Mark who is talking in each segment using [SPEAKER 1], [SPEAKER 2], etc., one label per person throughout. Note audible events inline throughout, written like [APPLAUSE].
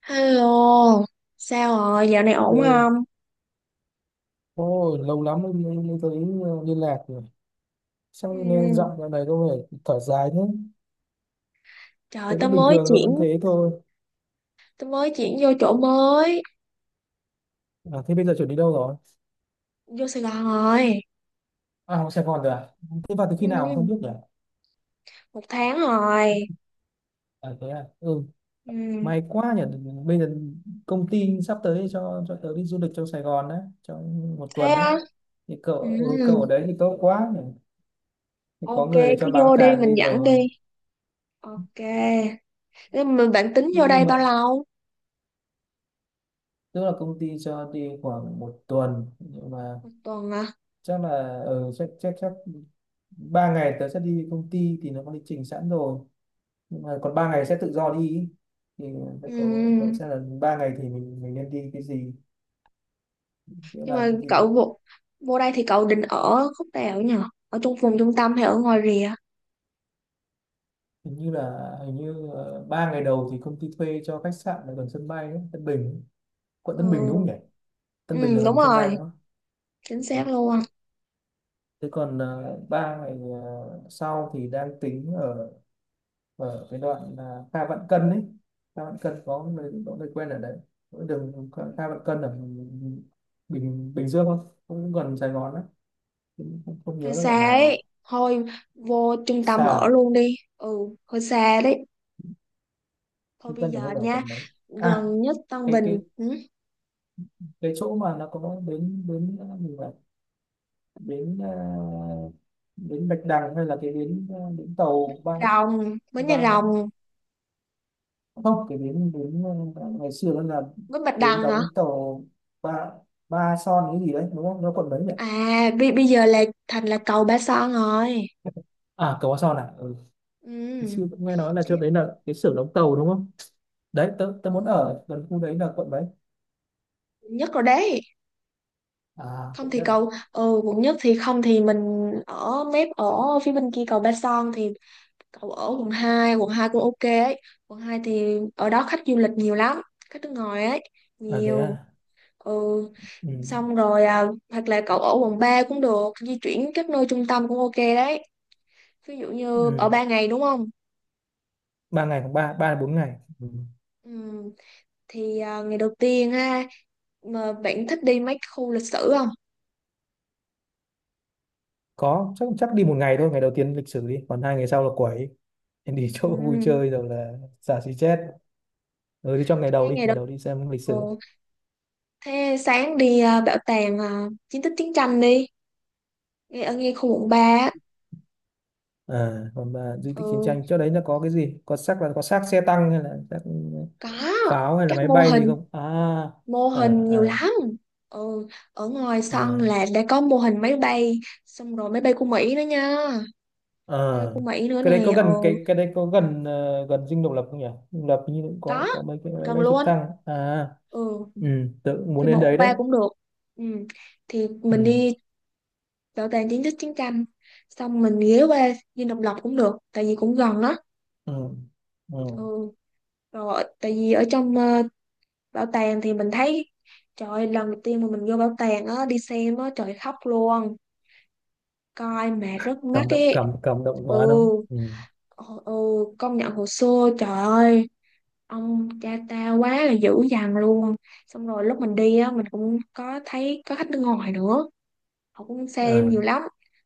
[SPEAKER 1] Hello, sao rồi, dạo này ổn
[SPEAKER 2] Ừ.
[SPEAKER 1] không?
[SPEAKER 2] Ôi, lâu lắm mới thấy liên lạc rồi. Sao
[SPEAKER 1] Ừ,
[SPEAKER 2] nghe giọng dạo này có vẻ thở dài thế?
[SPEAKER 1] trời,
[SPEAKER 2] Tôi vẫn bình thường thôi, vẫn thế thôi.
[SPEAKER 1] tao mới chuyển vô chỗ mới,
[SPEAKER 2] À, thế bây giờ chuẩn đi đâu rồi?
[SPEAKER 1] vô Sài Gòn rồi.
[SPEAKER 2] À, học Sài Gòn rồi à? Thế vào từ
[SPEAKER 1] Ừ,
[SPEAKER 2] khi nào mà không biết nhỉ?
[SPEAKER 1] một tháng rồi.
[SPEAKER 2] À, thế à? Ừ,
[SPEAKER 1] Ừ,
[SPEAKER 2] may quá nhỉ. Bây giờ công ty sắp tới cho tớ đi du lịch trong Sài Gòn đấy, trong một
[SPEAKER 1] thế
[SPEAKER 2] tuần đấy.
[SPEAKER 1] á?
[SPEAKER 2] Thì cậu,
[SPEAKER 1] Ừ,
[SPEAKER 2] ừ, cậu ở đấy thì tốt quá nhỉ. Thì có
[SPEAKER 1] ok,
[SPEAKER 2] người
[SPEAKER 1] cứ
[SPEAKER 2] cho bám
[SPEAKER 1] vô đi,
[SPEAKER 2] càng
[SPEAKER 1] mình
[SPEAKER 2] đi
[SPEAKER 1] dẫn
[SPEAKER 2] rồi.
[SPEAKER 1] đi. Ok, nhưng mà bạn tính vô
[SPEAKER 2] Nhưng
[SPEAKER 1] đây
[SPEAKER 2] nhưng mà,
[SPEAKER 1] bao lâu?
[SPEAKER 2] tức là công ty cho đi khoảng một tuần. Nhưng mà
[SPEAKER 1] Một tuần à?
[SPEAKER 2] chắc là ừ, chắc chắc chắc ba ngày tớ sẽ đi công ty thì nó có lịch trình sẵn rồi nhưng mà còn ba ngày sẽ tự do đi ý. Thì cậu cậu
[SPEAKER 1] Ừ,
[SPEAKER 2] sẽ là ba ngày thì mình nên đi cái gì, nghĩa
[SPEAKER 1] nhưng
[SPEAKER 2] là
[SPEAKER 1] mà
[SPEAKER 2] cái gì.
[SPEAKER 1] vô đây thì cậu định ở khúc nào nhỉ? Ở trong vùng trung tâm hay ở ngoài rìa?
[SPEAKER 2] Hình như ba ngày đầu thì công ty thuê cho khách sạn ở gần sân bay ấy, Tân Bình ấy. Quận
[SPEAKER 1] Ừ,
[SPEAKER 2] Tân Bình đúng không nhỉ?
[SPEAKER 1] ừ
[SPEAKER 2] Tân Bình là
[SPEAKER 1] đúng
[SPEAKER 2] gần sân bay
[SPEAKER 1] rồi,
[SPEAKER 2] đúng không?
[SPEAKER 1] chính
[SPEAKER 2] Ừ.
[SPEAKER 1] xác luôn.
[SPEAKER 2] Thế còn ba ngày sau thì đang tính ở, ở cái đoạn là Kha Vạn Cân đấy, Kha Vạn Cân có nơi, có nơi quen ở đấy. Có đường Kha Kha Vạn Cân ở Bình Bình Dương không, cũng gần Sài Gòn đấy. Cũng không, không
[SPEAKER 1] Hơi
[SPEAKER 2] nhớ là đoạn
[SPEAKER 1] xa ấy,
[SPEAKER 2] nào.
[SPEAKER 1] thôi vô trung
[SPEAKER 2] Xa
[SPEAKER 1] tâm ở
[SPEAKER 2] à?
[SPEAKER 1] luôn đi, ừ, hơi xa đấy. Thôi
[SPEAKER 2] Trung
[SPEAKER 1] bây
[SPEAKER 2] tâm của
[SPEAKER 1] giờ
[SPEAKER 2] nó là
[SPEAKER 1] nha,
[SPEAKER 2] quận đấy. À,
[SPEAKER 1] gần nhất Tân
[SPEAKER 2] cái
[SPEAKER 1] Bình ừ?
[SPEAKER 2] cái chỗ mà nó có bến, bến mình bảo vậy, bến bến Bạch Đằng hay là cái bến bến tàu ba,
[SPEAKER 1] Rồng, Bến
[SPEAKER 2] ba,
[SPEAKER 1] Nhà Rồng.
[SPEAKER 2] không, cái bến bến ngày xưa nó là
[SPEAKER 1] Bến Bạch
[SPEAKER 2] bến
[SPEAKER 1] Đằng hả?
[SPEAKER 2] đóng tàu, ba, ba Son cái gì đấy đúng không, nó còn mấy nhỉ?
[SPEAKER 1] À bây giờ là thành là cầu Ba Son rồi,
[SPEAKER 2] À, cầu qua Son à. Ừ.
[SPEAKER 1] ừ.
[SPEAKER 2] Sư cũng nghe nói là chỗ
[SPEAKER 1] thế-
[SPEAKER 2] đấy là cái xưởng đóng tàu đúng không? Đấy tớ, tớ muốn
[SPEAKER 1] ừ.
[SPEAKER 2] ở gần khu đấy là quận mấy?
[SPEAKER 1] Quận nhất rồi đấy,
[SPEAKER 2] À,
[SPEAKER 1] không
[SPEAKER 2] quận
[SPEAKER 1] thì
[SPEAKER 2] nhất à?
[SPEAKER 1] cầu, ừ quận nhất, thì không thì mình ở mép, ở phía bên kia cầu Ba Son thì cầu ở quận hai, quận 2 cũng ok ấy. Quận 2 thì ở đó khách du lịch nhiều lắm, khách nước ngoài ấy,
[SPEAKER 2] À thế
[SPEAKER 1] nhiều.
[SPEAKER 2] à?
[SPEAKER 1] Ừ
[SPEAKER 2] Ừ.
[SPEAKER 1] xong rồi à, hoặc là cậu ở quận 3 cũng được, di chuyển các nơi trung tâm cũng ok đấy. Ví dụ như ở
[SPEAKER 2] Ừ.
[SPEAKER 1] 3 ngày đúng không,
[SPEAKER 2] Ba ngày hoặc ba, ba đến bốn ngày. Ừ.
[SPEAKER 1] ừ, thì ngày đầu tiên ha, mà bạn thích đi mấy khu lịch sử không?
[SPEAKER 2] Có, chắc chắc đi một ngày thôi, ngày đầu tiên lịch sử đi, còn hai ngày sau là quẩy, em đi
[SPEAKER 1] Ừ,
[SPEAKER 2] chỗ [LAUGHS] vui chơi rồi là xả xì chết. Ừ, thì trong ngày đầu
[SPEAKER 1] thế
[SPEAKER 2] đi,
[SPEAKER 1] ngày
[SPEAKER 2] ngày
[SPEAKER 1] đầu,
[SPEAKER 2] đầu đi xem lịch
[SPEAKER 1] ừ,
[SPEAKER 2] sử.
[SPEAKER 1] thế sáng đi à, bảo tàng à, chiến tích chiến tranh đi, ngay ở ngay khu quận 3 á.
[SPEAKER 2] À, còn mà di tích chiến
[SPEAKER 1] Ừ
[SPEAKER 2] tranh chỗ đấy nó có cái gì, có xác, là có xác xe tăng hay là xác
[SPEAKER 1] có,
[SPEAKER 2] pháo hay là
[SPEAKER 1] các
[SPEAKER 2] máy
[SPEAKER 1] mô
[SPEAKER 2] bay gì
[SPEAKER 1] hình,
[SPEAKER 2] không à?
[SPEAKER 1] mô
[SPEAKER 2] À.
[SPEAKER 1] hình nhiều
[SPEAKER 2] À,
[SPEAKER 1] lắm. Ừ ở ngoài sân
[SPEAKER 2] à.
[SPEAKER 1] là đã có mô hình máy bay, xong rồi máy bay của Mỹ nữa nha, quê
[SPEAKER 2] Ờ,
[SPEAKER 1] của Mỹ nữa
[SPEAKER 2] cái đấy có
[SPEAKER 1] nè ờ,
[SPEAKER 2] gần cái đấy có gần gần dinh độc lập không nhỉ? Dinh độc lập như cũng
[SPEAKER 1] có
[SPEAKER 2] có mấy cái máy
[SPEAKER 1] gần
[SPEAKER 2] bay trực
[SPEAKER 1] luôn.
[SPEAKER 2] thăng. À,
[SPEAKER 1] Ừ
[SPEAKER 2] ừ, tự muốn
[SPEAKER 1] đi
[SPEAKER 2] đến
[SPEAKER 1] bộ
[SPEAKER 2] đấy đấy.
[SPEAKER 1] qua cũng được. Ừ thì
[SPEAKER 2] Ừ,
[SPEAKER 1] mình đi bảo tàng chiến tích chiến tranh, xong mình ghé qua Dinh Độc Lập cũng được, tại vì cũng gần đó.
[SPEAKER 2] ừ, ừ.
[SPEAKER 1] Ừ rồi tại vì ở trong bảo tàng thì mình thấy, trời ơi, lần đầu tiên mà mình vô bảo tàng á đi xem á trời khóc luôn, coi mà rất mắc
[SPEAKER 2] Cảm động,
[SPEAKER 1] ấy.
[SPEAKER 2] cảm cảm động
[SPEAKER 1] Ừ
[SPEAKER 2] quá đâu. Ừ.
[SPEAKER 1] ừ ừ, công nhận hồ sơ, trời ơi, ông cha tao quá là dữ dằn luôn. Xong rồi lúc mình đi á mình cũng có thấy có khách nước ngoài nữa, họ cũng xem
[SPEAKER 2] À,
[SPEAKER 1] nhiều lắm.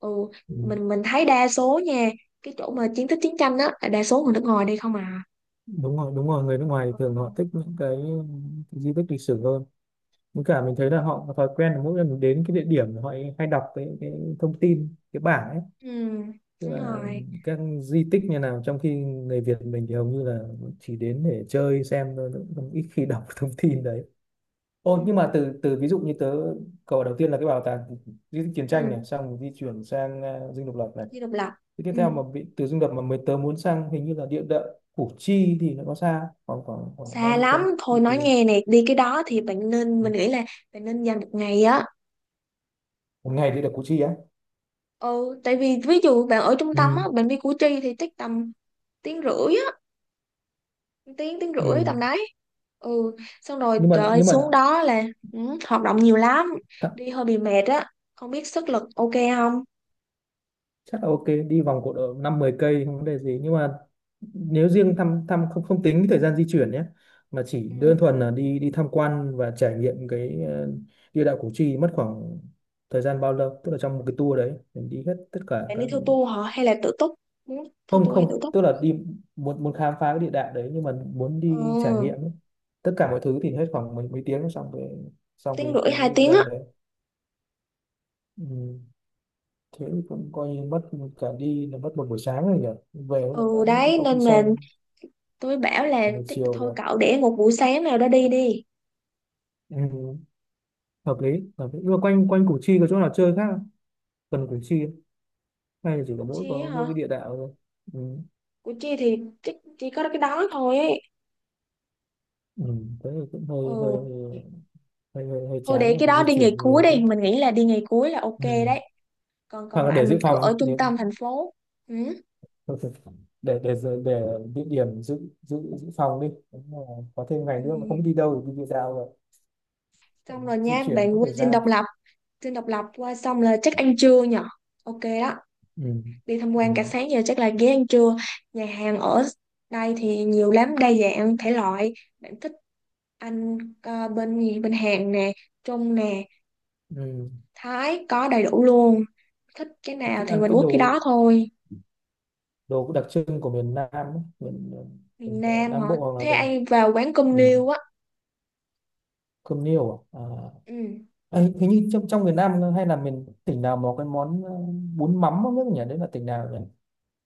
[SPEAKER 1] Ừ
[SPEAKER 2] ừ.
[SPEAKER 1] mình thấy đa số nha, cái chỗ mà chiến tích chiến tranh á là đa số người nước ngoài đi không à.
[SPEAKER 2] Đúng rồi, đúng rồi, người nước ngoài thường họ thích những cái di tích lịch sử hơn. Với cả mình thấy
[SPEAKER 1] Ừ,
[SPEAKER 2] là họ có thói quen là mỗi lần mình đến cái địa điểm là họ hay đọc cái thông tin cái bảng ấy,
[SPEAKER 1] ừ,
[SPEAKER 2] tức
[SPEAKER 1] đúng
[SPEAKER 2] là
[SPEAKER 1] rồi,
[SPEAKER 2] các di tích như nào, trong khi người Việt mình thì hầu như là chỉ đến để chơi xem thôi, cũng không- ít khi đọc [LAUGHS] thông tin đấy. Ô, nhưng
[SPEAKER 1] ừ,
[SPEAKER 2] mà từ từ, ví dụ như tớ, cầu đầu tiên là cái bảo tàng di tích chiến tranh
[SPEAKER 1] ừ.
[SPEAKER 2] này, xong rồi di chuyển sang à, Dinh Độc Lập này.
[SPEAKER 1] Đi độc lập,
[SPEAKER 2] Thế tiếp
[SPEAKER 1] ừ.
[SPEAKER 2] theo mà bị từ Dinh Độc Lập mà mới tớ muốn sang hình như là địa đạo Củ Chi thì nó có xa khoảng khoảng khoảng bao
[SPEAKER 1] Xa
[SPEAKER 2] nhiêu
[SPEAKER 1] lắm,
[SPEAKER 2] cây? Từ
[SPEAKER 1] thôi
[SPEAKER 2] từ-
[SPEAKER 1] nói nghe nè, đi cái đó thì bạn nên, mình nghĩ là bạn nên dành một ngày á.
[SPEAKER 2] một ngày đi được Củ Chi á.
[SPEAKER 1] Ừ tại vì ví dụ bạn ở trung tâm á
[SPEAKER 2] Ừ.
[SPEAKER 1] bạn đi Củ Chi thì chắc tầm tiếng rưỡi á, tiếng tiếng
[SPEAKER 2] Ừ.
[SPEAKER 1] rưỡi tầm đấy. Ừ xong rồi
[SPEAKER 2] Nhưng
[SPEAKER 1] trời
[SPEAKER 2] mà,
[SPEAKER 1] ơi,
[SPEAKER 2] nhưng mà
[SPEAKER 1] xuống đó là, ừ, hoạt động nhiều lắm,
[SPEAKER 2] th-
[SPEAKER 1] đi hơi bị mệt á không biết sức lực ok không.
[SPEAKER 2] chắc là ok, đi vòng cột độ năm mười cây không vấn đề gì, nhưng mà nếu riêng thăm thăm không, không tính cái thời gian di chuyển nhé, mà chỉ đơn
[SPEAKER 1] Ừ.
[SPEAKER 2] thuần là đi đi tham quan và trải nghiệm cái địa đạo Củ Chi mất khoảng thời gian bao lâu, tức là trong một cái tour đấy mình đi hết tất cả
[SPEAKER 1] Bạn
[SPEAKER 2] các,
[SPEAKER 1] đi theo tour hả hay là tự túc, muốn theo
[SPEAKER 2] không
[SPEAKER 1] tour hay
[SPEAKER 2] không,
[SPEAKER 1] tự túc?
[SPEAKER 2] tức là đi, muốn muốn khám phá cái địa đạo đấy nhưng mà muốn đi trải
[SPEAKER 1] Ừ
[SPEAKER 2] nghiệm ấy. Tất cả mọi thứ thì hết khoảng mấy mấy tiếng xong cái, xong cái
[SPEAKER 1] tiếng rưỡi
[SPEAKER 2] cái
[SPEAKER 1] hai
[SPEAKER 2] địa
[SPEAKER 1] tiếng á,
[SPEAKER 2] danh đấy. Ừ. Thế cũng coi như mất, cả đi là mất một buổi sáng rồi nhỉ, về cũng đã
[SPEAKER 1] ừ
[SPEAKER 2] đã
[SPEAKER 1] đấy
[SPEAKER 2] có khi
[SPEAKER 1] nên là
[SPEAKER 2] sang
[SPEAKER 1] tôi bảo là
[SPEAKER 2] một
[SPEAKER 1] chắc
[SPEAKER 2] chiều
[SPEAKER 1] thôi
[SPEAKER 2] rồi.
[SPEAKER 1] cậu để một buổi sáng nào đó đi. Đi
[SPEAKER 2] Ừ, hợp lý, hợp lý. Nhưng mà quanh quanh Củ Chi có chỗ nào chơi khác không? Gần Củ Chi không? Hay là chỉ
[SPEAKER 1] Củ
[SPEAKER 2] có mỗi,
[SPEAKER 1] Chi
[SPEAKER 2] có
[SPEAKER 1] á hả?
[SPEAKER 2] mỗi cái địa đạo thôi. Ừ.
[SPEAKER 1] Củ Chi thì chắc chỉ có cái đó thôi ấy.
[SPEAKER 2] Ừ. Thế thì cũng hơi hơi,
[SPEAKER 1] Ừ
[SPEAKER 2] hơi
[SPEAKER 1] thôi
[SPEAKER 2] chán
[SPEAKER 1] để
[SPEAKER 2] rồi,
[SPEAKER 1] cái
[SPEAKER 2] phải
[SPEAKER 1] đó
[SPEAKER 2] di
[SPEAKER 1] đi
[SPEAKER 2] chuyển
[SPEAKER 1] ngày cuối
[SPEAKER 2] nhiều quá.
[SPEAKER 1] đi, mình nghĩ là đi ngày cuối là ok
[SPEAKER 2] Ừ.
[SPEAKER 1] đấy, còn
[SPEAKER 2] Hoặc
[SPEAKER 1] còn
[SPEAKER 2] là
[SPEAKER 1] lại
[SPEAKER 2] để
[SPEAKER 1] mình
[SPEAKER 2] dự
[SPEAKER 1] cứ
[SPEAKER 2] phòng đi
[SPEAKER 1] ở trung
[SPEAKER 2] nếu-
[SPEAKER 1] tâm thành phố. Ừ.
[SPEAKER 2] [LAUGHS] để dự- để địa điểm dự, dự phòng đi. Đúng là có thêm
[SPEAKER 1] Ừ.
[SPEAKER 2] ngày nữa mà không biết đi đâu thì đi địa đạo rồi. Ừ,
[SPEAKER 1] Xong rồi
[SPEAKER 2] di
[SPEAKER 1] nha,
[SPEAKER 2] chuyển mất
[SPEAKER 1] bạn qua
[SPEAKER 2] thời gian.
[SPEAKER 1] dinh độc lập qua xong là chắc ăn trưa nhở. Ok đó,
[SPEAKER 2] Ừ.
[SPEAKER 1] đi tham
[SPEAKER 2] Ừ.
[SPEAKER 1] quan cả sáng giờ chắc là ghé ăn trưa. Nhà hàng ở đây thì nhiều lắm, đa dạng thể loại. Bạn thích ăn bên gì? Bên Hàn nè, Trung nè,
[SPEAKER 2] Ừ.
[SPEAKER 1] Thái có đầy đủ luôn. Thích cái
[SPEAKER 2] Tôi
[SPEAKER 1] nào
[SPEAKER 2] thích
[SPEAKER 1] thì
[SPEAKER 2] ăn
[SPEAKER 1] mình
[SPEAKER 2] cái
[SPEAKER 1] uống cái
[SPEAKER 2] đồ,
[SPEAKER 1] đó thôi.
[SPEAKER 2] đồ đặc trưng của miền Nam ấy, miền,
[SPEAKER 1] Miền
[SPEAKER 2] miền
[SPEAKER 1] Nam hả?
[SPEAKER 2] Nam Bộ hoặc là
[SPEAKER 1] Thế
[SPEAKER 2] đồ,
[SPEAKER 1] ai vào quán cơm
[SPEAKER 2] ừ,
[SPEAKER 1] niêu á.
[SPEAKER 2] cơm niêu à.
[SPEAKER 1] Ừ,
[SPEAKER 2] À ấy, hình như trong, trong miền Nam hay là miền tỉnh nào mà có cái món bún mắm không biết nhỉ, đấy là tỉnh nào nhỉ?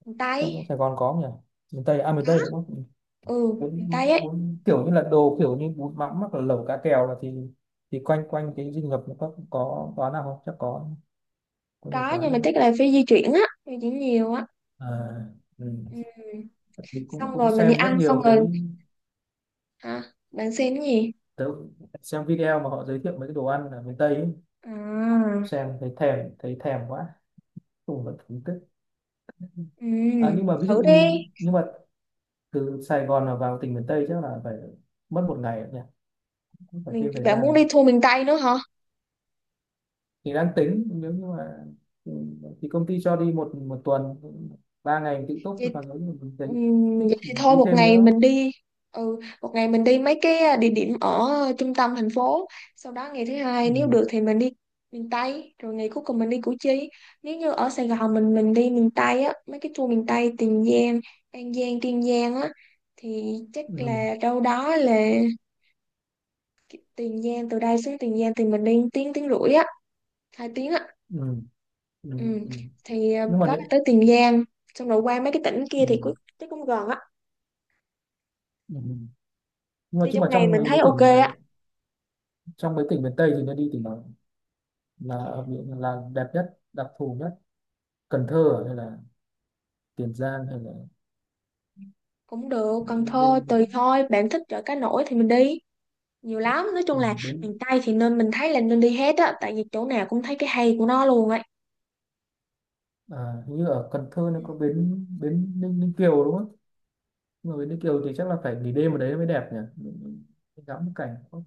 [SPEAKER 1] miền
[SPEAKER 2] Trong, trong
[SPEAKER 1] Tây.
[SPEAKER 2] Sài Gòn có không nhỉ? Miền Tây à, miền
[SPEAKER 1] Có.
[SPEAKER 2] Tây đúng không?
[SPEAKER 1] Ừ,
[SPEAKER 2] Ừ.
[SPEAKER 1] miền
[SPEAKER 2] Bún,
[SPEAKER 1] Tây ấy.
[SPEAKER 2] bún kiểu như là đồ, kiểu như bún mắm hoặc là lẩu cá kèo, là thì quanh quanh cái dinh Ngập nó có quán nào không, chắc có nhiều
[SPEAKER 1] Có
[SPEAKER 2] quán
[SPEAKER 1] nhưng mà
[SPEAKER 2] đúng không?
[SPEAKER 1] chắc là phải di chuyển á, di chuyển nhiều á.
[SPEAKER 2] À, ừ.
[SPEAKER 1] Ừ.
[SPEAKER 2] Mình cũng
[SPEAKER 1] Xong
[SPEAKER 2] cũng
[SPEAKER 1] rồi mình đi
[SPEAKER 2] xem rất
[SPEAKER 1] ăn xong
[SPEAKER 2] nhiều
[SPEAKER 1] rồi,
[SPEAKER 2] cái,
[SPEAKER 1] hả, bạn xem cái gì?
[SPEAKER 2] tớ xem video mà họ giới thiệu mấy cái đồ ăn ở miền Tây ấy,
[SPEAKER 1] À
[SPEAKER 2] xem thấy thèm, thấy thèm quá, cùng vẫn thưởng thức.
[SPEAKER 1] ừ,
[SPEAKER 2] À, nhưng mà ví dụ
[SPEAKER 1] thử đi.
[SPEAKER 2] như, nhưng mà từ Sài Gòn mà vào tỉnh miền Tây chắc là phải mất một ngày nhỉ, cũng phải
[SPEAKER 1] Mình
[SPEAKER 2] thêm thời
[SPEAKER 1] bạn muốn
[SPEAKER 2] gian.
[SPEAKER 1] đi tour miền Tây nữa hả?
[SPEAKER 2] Thì đang tính nếu như mà, ừ, thì công ty cho đi một một tuần, ba ngày tự túc,
[SPEAKER 1] Vậy,
[SPEAKER 2] còn nếu như mình
[SPEAKER 1] ừ,
[SPEAKER 2] thấy thích
[SPEAKER 1] vậy
[SPEAKER 2] thì
[SPEAKER 1] thì thôi
[SPEAKER 2] đi
[SPEAKER 1] một
[SPEAKER 2] thêm
[SPEAKER 1] ngày
[SPEAKER 2] nữa.
[SPEAKER 1] mình đi, ừ một ngày mình đi mấy cái địa điểm ở trung tâm thành phố, sau đó ngày thứ hai nếu
[SPEAKER 2] Ừ,
[SPEAKER 1] được thì mình đi miền Tây, rồi ngày cuối cùng mình đi Củ Chi. Nếu như ở Sài Gòn mình đi miền Tây á mấy cái tour miền Tây Tiền Giang An Giang Kiên Giang á, thì chắc
[SPEAKER 2] ừ,
[SPEAKER 1] là đâu đó là Tiền Giang, từ đây xuống Tiền Giang thì mình đi tiếng tiếng rưỡi á, hai tiếng á.
[SPEAKER 2] ừ, ừ,
[SPEAKER 1] Ừ.
[SPEAKER 2] ừ.
[SPEAKER 1] Thì
[SPEAKER 2] Nhưng mà
[SPEAKER 1] đó là
[SPEAKER 2] nếu,
[SPEAKER 1] tới Tiền Giang, xong rồi qua mấy cái tỉnh kia
[SPEAKER 2] ừ,
[SPEAKER 1] thì cũng gần á,
[SPEAKER 2] ừ. Ừ. Nhưng mà
[SPEAKER 1] đi
[SPEAKER 2] chứ mà
[SPEAKER 1] trong ngày
[SPEAKER 2] trong
[SPEAKER 1] mình
[SPEAKER 2] mấy
[SPEAKER 1] thấy
[SPEAKER 2] mấy
[SPEAKER 1] ok
[SPEAKER 2] tỉnh,
[SPEAKER 1] á.
[SPEAKER 2] trong mấy tỉnh miền Tây thì nên đi tỉnh nào, là ở biển là đẹp nhất, đặc thù nhất? Cần Thơ à, hay là Tiền Giang, hay là
[SPEAKER 1] Cũng được,
[SPEAKER 2] bến,
[SPEAKER 1] Cần
[SPEAKER 2] bến,
[SPEAKER 1] Thơ tùy
[SPEAKER 2] bến,
[SPEAKER 1] thôi, bạn thích chợ cá nổi thì mình đi, nhiều lắm, nói chung là
[SPEAKER 2] bến
[SPEAKER 1] miền Tây thì nên, mình thấy là nên đi hết á, tại vì chỗ nào cũng thấy cái hay của nó luôn ấy.
[SPEAKER 2] à, hình như ở Cần Thơ nó có bến, bến Ninh, Ninh Kiều đúng không? Nhưng mà bến Ninh Kiều thì chắc là phải nghỉ đêm ở đấy mới đẹp nhỉ. Mình- ngắm cái cảnh có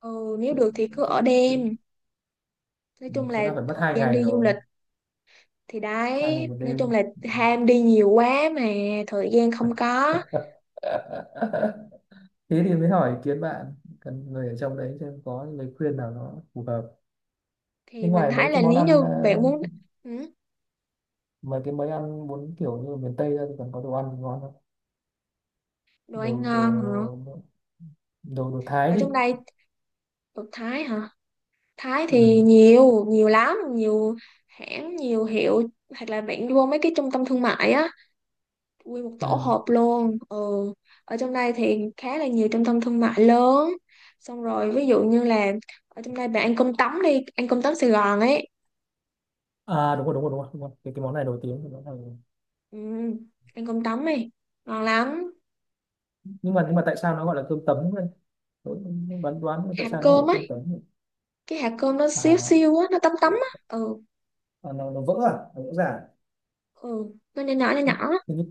[SPEAKER 1] Ừ nếu được thì
[SPEAKER 2] trên
[SPEAKER 1] cứ ở
[SPEAKER 2] trên bến.
[SPEAKER 1] đêm, nói
[SPEAKER 2] Ừ,
[SPEAKER 1] chung là
[SPEAKER 2] thế là phải mất
[SPEAKER 1] thời
[SPEAKER 2] hai
[SPEAKER 1] gian
[SPEAKER 2] ngày
[SPEAKER 1] đi du
[SPEAKER 2] rồi,
[SPEAKER 1] lịch thì
[SPEAKER 2] hai ngày
[SPEAKER 1] đấy,
[SPEAKER 2] một
[SPEAKER 1] nói chung
[SPEAKER 2] đêm.
[SPEAKER 1] là
[SPEAKER 2] Ừ.
[SPEAKER 1] ham đi nhiều quá mà thời gian không có.
[SPEAKER 2] [LAUGHS] Thế thì mới hỏi ý kiến bạn, cần người ở trong đấy xem có lời khuyên nào nó phù hợp. Thế
[SPEAKER 1] Thì mình
[SPEAKER 2] ngoài
[SPEAKER 1] thấy
[SPEAKER 2] mấy
[SPEAKER 1] là
[SPEAKER 2] cái món
[SPEAKER 1] nếu
[SPEAKER 2] ăn
[SPEAKER 1] như bạn muốn, ừ,
[SPEAKER 2] mấy cái, mấy ăn muốn kiểu như ở miền Tây ra thì còn có đồ ăn thì ngon lắm.
[SPEAKER 1] đồ ăn
[SPEAKER 2] Đồ, đồ
[SPEAKER 1] ngon hả?
[SPEAKER 2] đồ đồ Thái
[SPEAKER 1] Ở
[SPEAKER 2] đi.
[SPEAKER 1] trong đây, đồ Thái hả? Thái thì
[SPEAKER 2] Ừ.
[SPEAKER 1] nhiều, nhiều lắm, nhiều hãng nhiều hiệu, hoặc là bạn đi vô mấy cái trung tâm thương mại á, nguyên một tổ
[SPEAKER 2] Ừ.
[SPEAKER 1] hợp luôn ừ. Ở trong đây thì khá là nhiều trung tâm thương mại lớn, xong rồi ví dụ như là, ở trong đây bạn ăn cơm tấm đi, ăn cơm tấm Sài Gòn ấy.
[SPEAKER 2] À đúng rồi, đúng rồi, đúng rồi, đúng rồi. Cái món này nổi tiếng cái món này.
[SPEAKER 1] Ừ. Ăn cơm tấm đi, ngon lắm.
[SPEAKER 2] Nhưng mà, nhưng mà tại sao nó gọi là cơm tấm đây? Tôi cũng đoán đoán tại
[SPEAKER 1] Hạt
[SPEAKER 2] sao nó gọi là
[SPEAKER 1] cơm
[SPEAKER 2] cơm
[SPEAKER 1] ấy,
[SPEAKER 2] tấm nhỉ?
[SPEAKER 1] cái hạt cơm nó xíu
[SPEAKER 2] À,
[SPEAKER 1] xiu á, nó tấm tấm á, ừ,
[SPEAKER 2] à nó vỡ à, nó vỡ ra à?
[SPEAKER 1] ừ nó nhỏ nhỏ nhỏ nhỏ,
[SPEAKER 2] Hình như,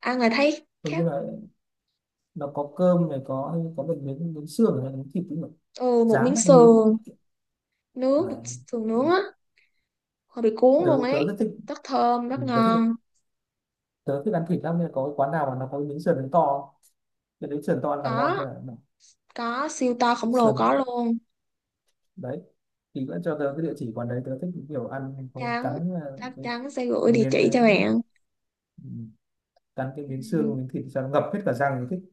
[SPEAKER 1] ăn là thấy
[SPEAKER 2] hình như
[SPEAKER 1] khác.
[SPEAKER 2] là nó có cơm này, có một miếng, miếng xương hay miếng thịt nữa,
[SPEAKER 1] Ừ, một
[SPEAKER 2] rán
[SPEAKER 1] miếng
[SPEAKER 2] hay nướng đúng
[SPEAKER 1] sườn,
[SPEAKER 2] không? À,
[SPEAKER 1] nướng, một sườn nướng á, hơi bị cuốn
[SPEAKER 2] tớ
[SPEAKER 1] luôn
[SPEAKER 2] tớ
[SPEAKER 1] ấy,
[SPEAKER 2] rất thích,
[SPEAKER 1] rất thơm rất
[SPEAKER 2] tớ thích,
[SPEAKER 1] ngon.
[SPEAKER 2] tớ thích ăn thịt lắm nên là có cái quán nào mà nó có miếng sườn to, cái đấy sườn to ăn càng ngon
[SPEAKER 1] có
[SPEAKER 2] hay là nào?
[SPEAKER 1] có siêu to khổng lồ,
[SPEAKER 2] Sườn
[SPEAKER 1] có luôn.
[SPEAKER 2] đấy thì vẫn cho tớ cái địa chỉ quán đấy, tớ thích kiểu ăn có
[SPEAKER 1] chắn
[SPEAKER 2] cắn
[SPEAKER 1] Chắc chắn sẽ gửi
[SPEAKER 2] cái
[SPEAKER 1] địa
[SPEAKER 2] miếng
[SPEAKER 1] chỉ cho
[SPEAKER 2] đấy,
[SPEAKER 1] bạn.
[SPEAKER 2] ừ, cắn cái miếng
[SPEAKER 1] Ừ.
[SPEAKER 2] xương, miếng thịt cho nó ngập hết cả răng thì thích.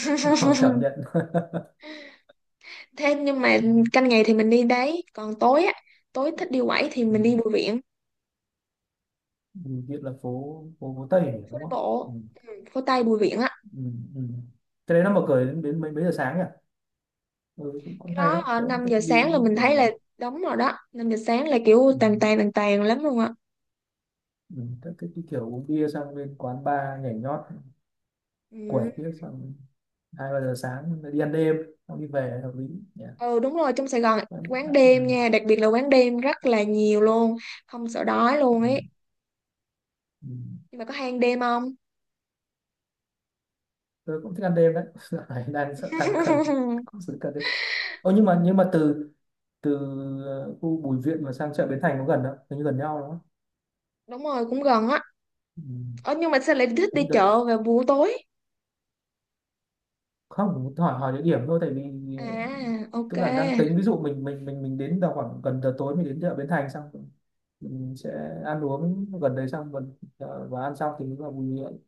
[SPEAKER 2] [LAUGHS] Cảm nhận [LAUGHS]
[SPEAKER 1] Thế nhưng mà,
[SPEAKER 2] ừ.
[SPEAKER 1] canh ngày thì mình đi đấy, còn tối á, tối thích đi quẩy thì
[SPEAKER 2] Ừ.
[SPEAKER 1] mình đi Bùi Viện.
[SPEAKER 2] Ừ, Hiện là phố, phố, phố Tây nhỉ,
[SPEAKER 1] Phố
[SPEAKER 2] đúng
[SPEAKER 1] đi
[SPEAKER 2] không? Ừ.
[SPEAKER 1] bộ, ừ, phố Tây Bùi Viện á.
[SPEAKER 2] Ừ. Ừ. Cái đấy nó mở cửa đến, đến mấy mấy giờ sáng nhỉ? Ừ, cũng
[SPEAKER 1] Cái
[SPEAKER 2] cũng hay
[SPEAKER 1] đó
[SPEAKER 2] đấy, tớ cũng
[SPEAKER 1] 5
[SPEAKER 2] thích
[SPEAKER 1] giờ
[SPEAKER 2] đi
[SPEAKER 1] sáng là mình thấy là
[SPEAKER 2] kiểu,
[SPEAKER 1] đóng rồi đó, 5 giờ sáng là kiểu
[SPEAKER 2] ừ.
[SPEAKER 1] tàn tàn tàn tàn lắm luôn á.
[SPEAKER 2] Ừ. Tớ thích đi kiểu uống bia sang bên quán bar nhảy nhót, quẩy
[SPEAKER 1] Ừ.
[SPEAKER 2] bia sang hai ba giờ sáng, đi ăn đêm xong đi về hợp lý nhỉ.
[SPEAKER 1] Ừ đúng rồi, trong Sài Gòn
[SPEAKER 2] Ừ,
[SPEAKER 1] quán đêm nha, đặc biệt là quán đêm rất là nhiều luôn, không sợ đói luôn ấy.
[SPEAKER 2] ừ, ừ.
[SPEAKER 1] Nhưng mà có hang đêm không?
[SPEAKER 2] Tôi cũng thích ăn đêm đấy. [LAUGHS] Dạo này đang sợ tăng cân,
[SPEAKER 1] [LAUGHS]
[SPEAKER 2] cũng sự cân đấy. Ô, nhưng mà, nhưng mà từ, từ khu Bùi Viện mà sang chợ Bến Thành có gần không, hình như gần nhau đúng không?
[SPEAKER 1] Đúng rồi cũng gần á.
[SPEAKER 2] Ừ.
[SPEAKER 1] Ờ, nhưng mà sao lại thích đi
[SPEAKER 2] Những đợt
[SPEAKER 1] chợ vào buổi tối?
[SPEAKER 2] không, hỏi, hỏi địa điểm thôi, tại vì ờ,
[SPEAKER 1] À ok.
[SPEAKER 2] tức là đang tính ví dụ mình đến vào khoảng gần giờ tối, mình đến chợ Bến Thành, xong ừ, mình sẽ ăn uống gần đấy, xong gần và ăn xong thì vào Bùi Viện.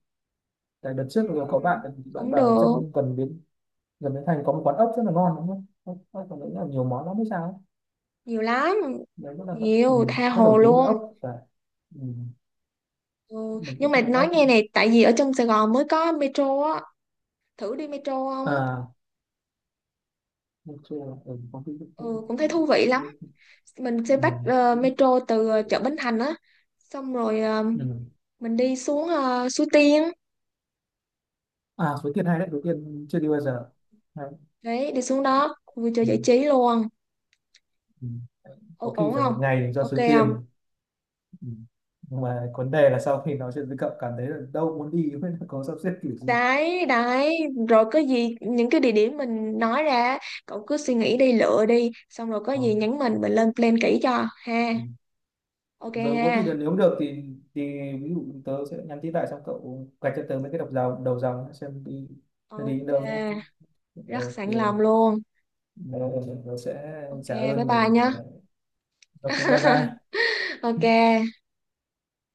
[SPEAKER 2] Tại đợt trước rồi có
[SPEAKER 1] Ừ,
[SPEAKER 2] bạn bạn
[SPEAKER 1] cũng
[SPEAKER 2] bảo là
[SPEAKER 1] được,
[SPEAKER 2] trong gần bến, gần bến Thành có một quán ốc rất là ngon đúng không, ốc, còn nghĩ là nhiều món lắm hay sao ấy.
[SPEAKER 1] nhiều lắm,
[SPEAKER 2] Đấy rất là, ừ,
[SPEAKER 1] nhiều tha
[SPEAKER 2] rất nổi
[SPEAKER 1] hồ
[SPEAKER 2] tiếng với
[SPEAKER 1] luôn.
[SPEAKER 2] ốc và, ừ,
[SPEAKER 1] Ừ.
[SPEAKER 2] mình
[SPEAKER 1] Nhưng
[SPEAKER 2] cũng
[SPEAKER 1] mà
[SPEAKER 2] thích ăn
[SPEAKER 1] nói
[SPEAKER 2] ốc
[SPEAKER 1] nghe
[SPEAKER 2] nữa.
[SPEAKER 1] này, tại vì ở trong Sài Gòn mới có metro á, thử đi metro không?
[SPEAKER 2] À, mình chưa, ừ, có cái,
[SPEAKER 1] Ừ cũng thấy thú vị lắm,
[SPEAKER 2] ừ,
[SPEAKER 1] mình sẽ bắt
[SPEAKER 2] ừ.
[SPEAKER 1] metro từ chợ Bến Thành á, xong rồi
[SPEAKER 2] Ừ.
[SPEAKER 1] mình đi xuống Suối Tiên,
[SPEAKER 2] À, Suối Tiên hay đấy, Suối Tiên chưa đi bao giờ, hay.
[SPEAKER 1] đấy đi xuống đó vui chơi
[SPEAKER 2] Ừ,
[SPEAKER 1] giải trí luôn.
[SPEAKER 2] ừ. Có
[SPEAKER 1] Ồ,
[SPEAKER 2] khi
[SPEAKER 1] ổn
[SPEAKER 2] phải một
[SPEAKER 1] không?
[SPEAKER 2] ngày do
[SPEAKER 1] Ok
[SPEAKER 2] Suối
[SPEAKER 1] không?
[SPEAKER 2] Tiên. Ừ. Nhưng mà vấn đề là sau khi nói chuyện với cậu cảm thấy là đâu muốn đi với có sắp xếp kiểu gì.
[SPEAKER 1] Đấy đấy, rồi có gì những cái địa điểm mình nói ra, cậu cứ suy nghĩ đi, lựa đi, xong rồi có
[SPEAKER 2] Ờ.
[SPEAKER 1] gì nhắn
[SPEAKER 2] Ừ,
[SPEAKER 1] mình lên plan kỹ cho ha.
[SPEAKER 2] ừ.
[SPEAKER 1] Ok
[SPEAKER 2] Rồi có thì được,
[SPEAKER 1] ha?
[SPEAKER 2] nếu được thì ví dụ tớ sẽ nhắn tin lại xong cậu gạch cho tớ mấy cái đọc dòng đầu dòng xem đi, nó đi đến
[SPEAKER 1] Ok,
[SPEAKER 2] đâu nhé.
[SPEAKER 1] rất
[SPEAKER 2] Ok.
[SPEAKER 1] sẵn lòng luôn.
[SPEAKER 2] Ờ, tớ sẽ
[SPEAKER 1] Ok
[SPEAKER 2] trả
[SPEAKER 1] bye
[SPEAKER 2] ơn và
[SPEAKER 1] bye nhá.
[SPEAKER 2] ok bye bye.
[SPEAKER 1] [LAUGHS] Ok.